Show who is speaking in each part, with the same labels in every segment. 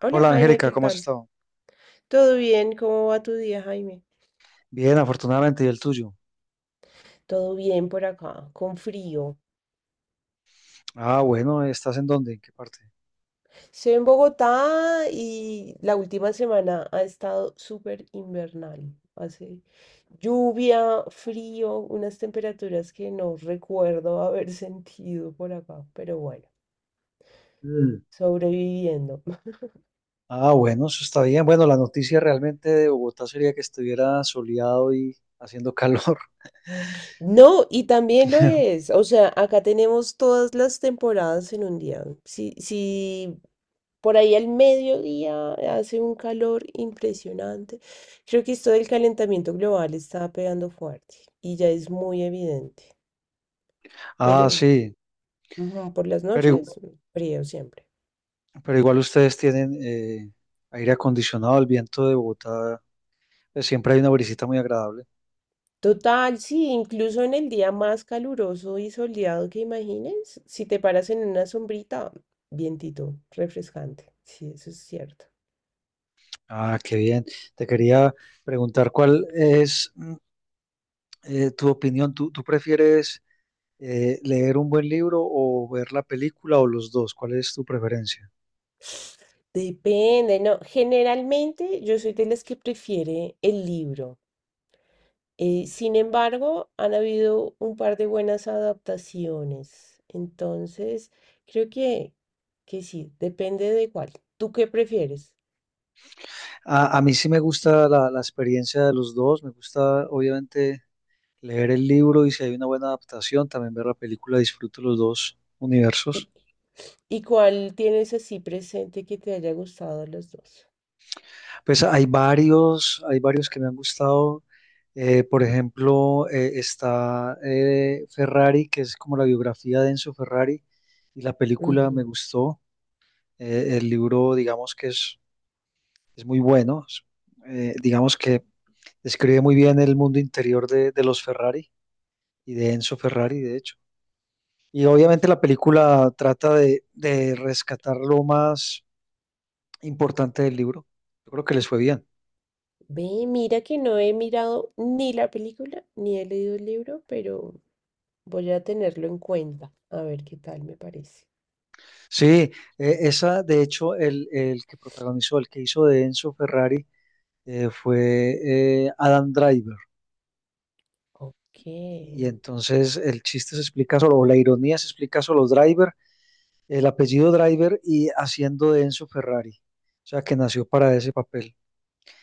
Speaker 1: Hola
Speaker 2: Hola
Speaker 1: Jaime, ¿qué
Speaker 2: Angélica, ¿cómo has
Speaker 1: tal?
Speaker 2: estado?
Speaker 1: ¿Todo bien? ¿Cómo va tu día, Jaime?
Speaker 2: Bien, afortunadamente, ¿y el tuyo?
Speaker 1: Todo bien por acá, con frío.
Speaker 2: Ah, bueno, ¿estás en dónde? ¿En qué parte?
Speaker 1: Estoy en Bogotá y la última semana ha estado súper invernal. Hace lluvia, frío, unas temperaturas que no recuerdo haber sentido por acá, pero bueno,
Speaker 2: Mm.
Speaker 1: sobreviviendo.
Speaker 2: Ah, bueno, eso está bien. Bueno, la noticia realmente de Bogotá sería que estuviera soleado y haciendo calor.
Speaker 1: No, y también lo es. O sea, acá tenemos todas las temporadas en un día. Si, si Por ahí al mediodía hace un calor impresionante. Creo que esto del calentamiento global está pegando fuerte y ya es muy evidente.
Speaker 2: Ah,
Speaker 1: Pero
Speaker 2: sí,
Speaker 1: ujú, por las
Speaker 2: pero, igu-
Speaker 1: noches, frío siempre.
Speaker 2: pero igual ustedes tienen aire acondicionado, el viento de Bogotá, pues, siempre hay una brisita muy agradable.
Speaker 1: Total, sí, incluso en el día más caluroso y soleado que imagines, si te paras en una sombrita, vientito, refrescante. Sí, eso es cierto.
Speaker 2: Ah, qué bien. Te quería preguntar cuál es tu opinión. ¿Tú prefieres... ¿Leer un buen libro o ver la película o los dos? ¿Cuál es tu preferencia?
Speaker 1: Depende, no. Generalmente yo soy de las que prefiere el libro. Sin embargo, han habido un par de buenas adaptaciones. Entonces, creo que sí, depende de cuál. ¿Tú qué prefieres?
Speaker 2: A mí sí me gusta la experiencia de los dos, me gusta obviamente leer el libro y si hay una buena adaptación, también ver la película, disfruto los dos universos.
Speaker 1: ¿Y, y cuál tienes así presente que te haya gustado de los dos?
Speaker 2: Pues hay varios que me han gustado. Por ejemplo, está Ferrari, que es como la biografía de Enzo Ferrari, y la película
Speaker 1: Ujú.
Speaker 2: me gustó. El libro, digamos que es muy bueno. Es, digamos que describe muy bien el mundo interior de los Ferrari y de Enzo Ferrari, de hecho. Y obviamente la película trata de rescatar lo más importante del libro. Yo creo que les fue bien.
Speaker 1: Ve, mira que no he mirado ni la película ni he leído el libro, pero voy a tenerlo en cuenta, a ver qué tal me parece.
Speaker 2: Sí, esa, de hecho, el que protagonizó, el que hizo de Enzo Ferrari fue Adam Driver.
Speaker 1: Ok,
Speaker 2: Y entonces el chiste se explica solo, o la ironía se explica solo Driver, el apellido Driver y haciendo de Enzo Ferrari. O sea, que nació para ese papel.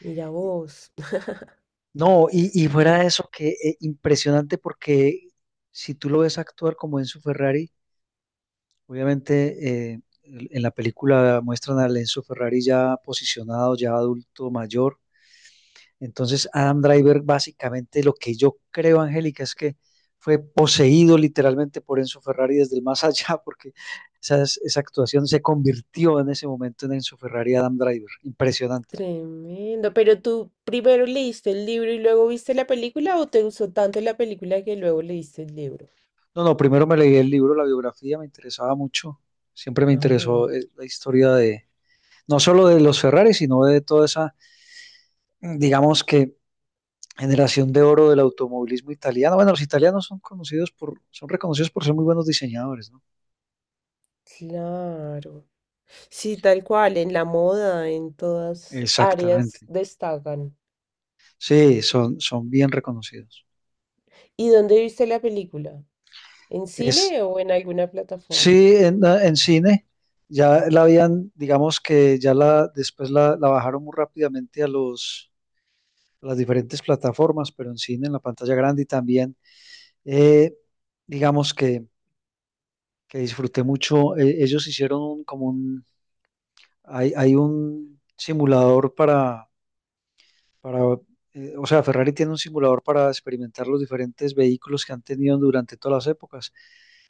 Speaker 1: mira vos.
Speaker 2: No, y fuera de eso, que impresionante porque si tú lo ves actuar como Enzo Ferrari, obviamente en la película muestran a Enzo Ferrari ya posicionado, ya adulto mayor. Entonces Adam Driver básicamente lo que yo creo, Angélica, es que fue poseído literalmente por Enzo Ferrari desde el más allá, porque esa actuación se convirtió en ese momento en Enzo Ferrari Adam Driver. Impresionante.
Speaker 1: Tremendo. Pero tú primero leíste el libro y luego viste la película, o te gustó tanto la película que luego leíste el libro.
Speaker 2: No, no, primero me leí el libro, la biografía, me interesaba mucho. Siempre me
Speaker 1: Ah,
Speaker 2: interesó la historia de, no solo de los Ferrari, sino de toda esa, digamos que, generación de oro del automovilismo italiano. Bueno, los italianos son conocidos por, son reconocidos por ser muy buenos diseñadores, ¿no?
Speaker 1: claro. Sí, tal cual, en la moda, en todas áreas
Speaker 2: Exactamente.
Speaker 1: destacan.
Speaker 2: Sí, son, son bien reconocidos.
Speaker 1: ¿Y dónde viste la película? ¿En
Speaker 2: Es,
Speaker 1: cine o en alguna plataforma?
Speaker 2: sí, en cine ya la habían, digamos que ya la, después la, la bajaron muy rápidamente a los, a las diferentes plataformas, pero en cine, en la pantalla grande y también Eh, digamos que disfruté mucho. Ellos hicieron como un, hay un simulador para o sea, Ferrari tiene un simulador para experimentar los diferentes vehículos que han tenido durante todas las épocas.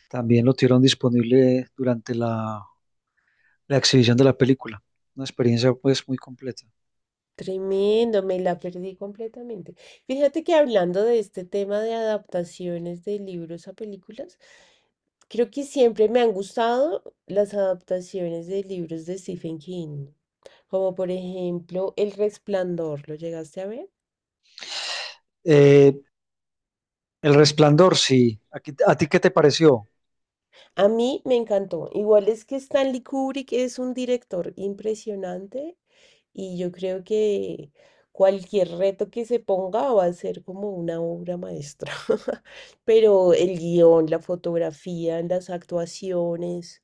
Speaker 2: También lo tuvieron disponible durante la, la exhibición de la película. Una experiencia pues muy completa.
Speaker 1: Tremendo, me la perdí completamente. Fíjate que hablando de este tema de adaptaciones de libros a películas, creo que siempre me han gustado las adaptaciones de libros de Stephen King, como por ejemplo El Resplandor, ¿lo llegaste a ver?
Speaker 2: Eh, El Resplandor, sí. ¿A ti qué te pareció?
Speaker 1: A mí me encantó. Igual es que Stanley Kubrick es un director impresionante, y yo creo que cualquier reto que se ponga va a ser como una obra maestra. Pero el guión, la fotografía, las actuaciones,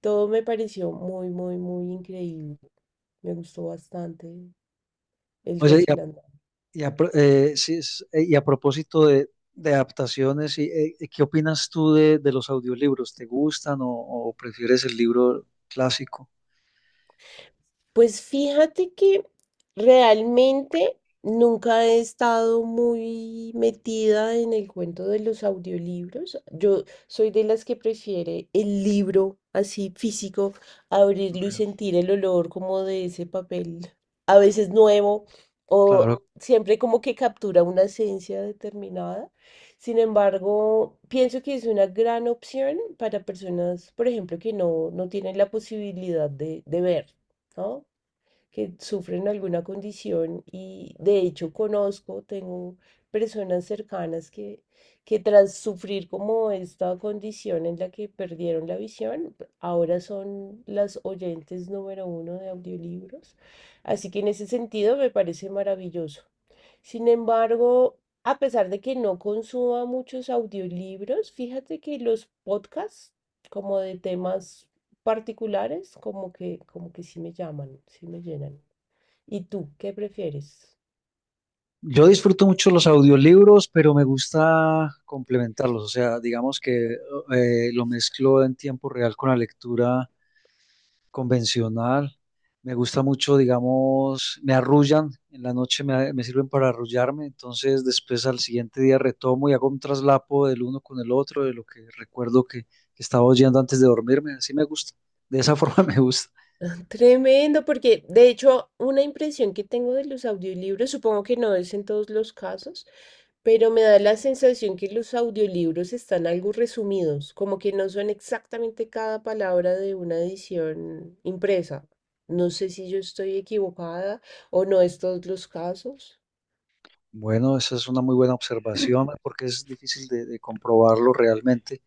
Speaker 1: todo me pareció muy, muy, muy increíble. Me gustó bastante el
Speaker 2: Oye,
Speaker 1: resplandor.
Speaker 2: y sí, y a propósito de adaptaciones, y, ¿qué opinas tú de los audiolibros? ¿Te gustan o prefieres el libro clásico?
Speaker 1: Pues fíjate que realmente nunca he estado muy metida en el cuento de los audiolibros. Yo soy de las que prefiere el libro así físico,
Speaker 2: Ok.
Speaker 1: abrirlo y sentir el olor como de ese papel, a veces nuevo o
Speaker 2: Claro,
Speaker 1: siempre como que captura una esencia determinada. Sin embargo, pienso que es una gran opción para personas, por ejemplo, que no tienen la posibilidad de ver, ¿no? Que sufren alguna condición, y de hecho conozco, tengo personas cercanas que tras sufrir como esta condición en la que perdieron la visión, ahora son las oyentes número uno de audiolibros. Así que en ese sentido me parece maravilloso. Sin embargo, a pesar de que no consuma muchos audiolibros, fíjate que los podcasts como de temas particulares, como que sí me llaman, sí me llenan. ¿Y tú qué prefieres?
Speaker 2: yo disfruto mucho los audiolibros, pero me gusta complementarlos, o sea, digamos que lo mezclo en tiempo real con la lectura convencional. Me gusta mucho, digamos, me arrullan, en la noche me, me sirven para arrullarme, entonces después al siguiente día retomo y hago un traslapo del uno con el otro, de lo que recuerdo que estaba oyendo antes de dormirme, así me gusta, de esa forma me gusta.
Speaker 1: Tremendo, porque de hecho una impresión que tengo de los audiolibros, supongo que no es en todos los casos, pero me da la sensación que los audiolibros están algo resumidos, como que no son exactamente cada palabra de una edición impresa. No sé si yo estoy equivocada o no es todos los casos.
Speaker 2: Bueno, esa es una muy buena observación porque es difícil de comprobarlo realmente.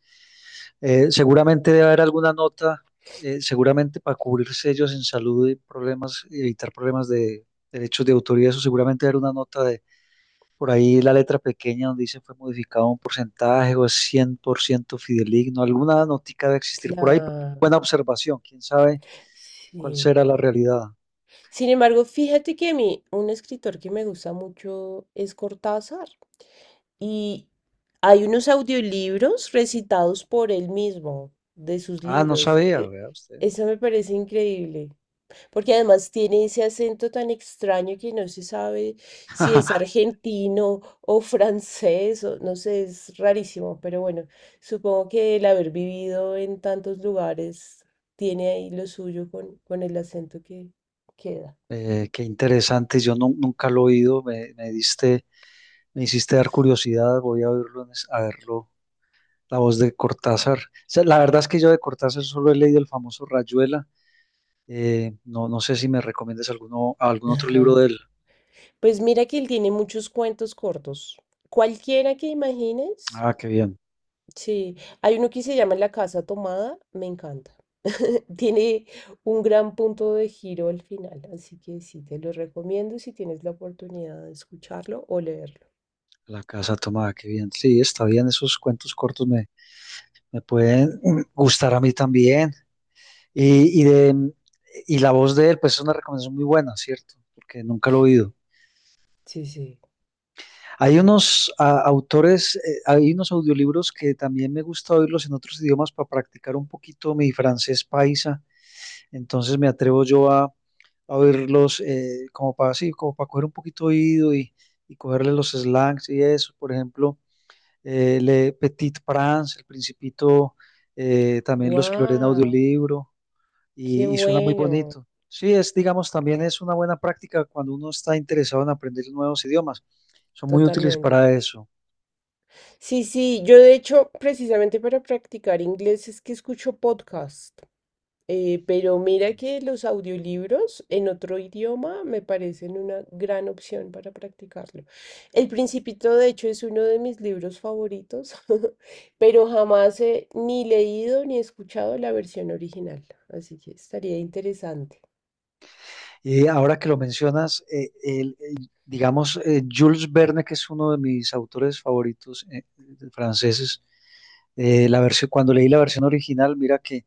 Speaker 2: Seguramente debe haber alguna nota, seguramente para cubrirse ellos en salud y problemas, y evitar problemas de derechos de autoría, eso seguramente debe haber una nota de por ahí la letra pequeña donde dice fue modificado un porcentaje o es 100% fidedigno. Alguna notica debe existir por ahí. Pero
Speaker 1: Claro,
Speaker 2: buena observación. ¿Quién sabe cuál
Speaker 1: sí.
Speaker 2: será la realidad?
Speaker 1: Sin embargo, fíjate que a mí un escritor que me gusta mucho es Cortázar. Y hay unos audiolibros recitados por él mismo de sus
Speaker 2: Ah, no
Speaker 1: libros.
Speaker 2: sabía, vea usted.
Speaker 1: Eso me parece increíble, porque además tiene ese acento tan extraño que no se sabe si es argentino o francés, o no sé, es rarísimo, pero bueno, supongo que el haber vivido en tantos lugares tiene ahí lo suyo con el acento que queda.
Speaker 2: Qué interesante. Yo nunca lo he oído. Me diste, me hiciste dar curiosidad. Voy a oírlo, a verlo. La voz de Cortázar. O sea, la verdad es que yo de Cortázar solo he leído el famoso Rayuela. No, no sé si me recomiendas alguno, algún otro libro de él.
Speaker 1: Pues mira que él tiene muchos cuentos cortos. Cualquiera que imagines.
Speaker 2: Ah, qué bien.
Speaker 1: Sí, hay uno que se llama La Casa Tomada, me encanta. Tiene un gran punto de giro al final, así que sí, te lo recomiendo si tienes la oportunidad de escucharlo o leerlo.
Speaker 2: La casa tomada, qué bien. Sí, está bien, esos cuentos cortos me, me pueden gustar a mí también. Y, de, y la voz de él, pues es una recomendación muy buena, ¿cierto? Porque nunca lo he oído.
Speaker 1: Sí, sí.
Speaker 2: Hay unos ah, autores, hay unos audiolibros que también me gusta oírlos en otros idiomas para practicar un poquito mi francés paisa. Entonces me atrevo yo a oírlos como para así, como para coger un poquito oído y cogerle los slangs y eso. Por ejemplo, Le Petit Prince, El Principito, también los exploré en
Speaker 1: ¡Wow!
Speaker 2: audiolibro
Speaker 1: ¡Qué
Speaker 2: y suena muy
Speaker 1: bueno!
Speaker 2: bonito. Sí, es, digamos, también es una buena práctica cuando uno está interesado en aprender nuevos idiomas. Son muy útiles
Speaker 1: Totalmente.
Speaker 2: para eso.
Speaker 1: Sí, sí, yo de hecho, precisamente para practicar inglés es que escucho podcasts. Pero mira que los audiolibros en otro idioma me parecen una gran opción para practicarlo. El Principito, de hecho, es uno de mis libros favoritos, pero jamás he ni leído ni escuchado la versión original, así que estaría interesante.
Speaker 2: Y ahora que lo mencionas, digamos, Jules Verne, que es uno de mis autores favoritos franceses, la versión, cuando leí la versión original, mira que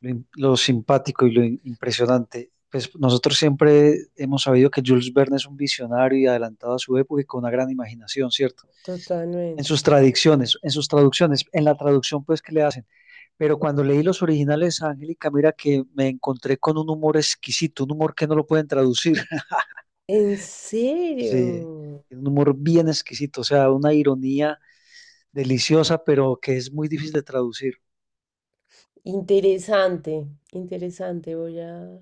Speaker 2: lo, lo simpático y lo impresionante. Pues nosotros siempre hemos sabido que Jules Verne es un visionario y adelantado a su época y con una gran imaginación, ¿cierto? En
Speaker 1: Totalmente.
Speaker 2: sus tradiciones, en sus traducciones, en la traducción pues que le hacen. Pero cuando leí los originales, Angélica, mira que me encontré con un humor exquisito, un humor que no lo pueden traducir.
Speaker 1: ¿En
Speaker 2: Sí,
Speaker 1: serio?
Speaker 2: un humor bien exquisito, o sea, una ironía deliciosa, pero que es muy difícil de traducir.
Speaker 1: Interesante, interesante.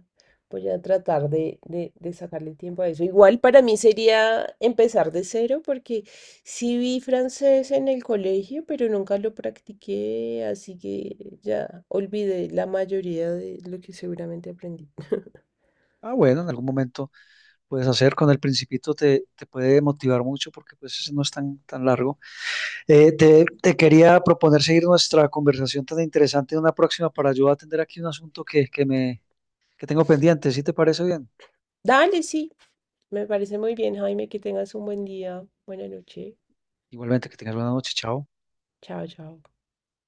Speaker 1: Voy a tratar de sacarle tiempo a eso. Igual para mí sería empezar de cero porque sí vi francés en el colegio, pero nunca lo practiqué, así que ya olvidé la mayoría de lo que seguramente aprendí.
Speaker 2: Ah, bueno, en algún momento puedes hacer. Con el Principito te, te puede motivar mucho porque pues ese no es tan, tan largo. Te, te quería proponer seguir nuestra conversación tan interesante en una próxima para yo atender aquí un asunto que me, que tengo pendiente. ¿Sí te parece bien?
Speaker 1: Dale, sí, me parece muy bien, Jaime, que tengas un buen día. Buena noche.
Speaker 2: Igualmente, que tengas buena noche. Chao.
Speaker 1: Chao, chao.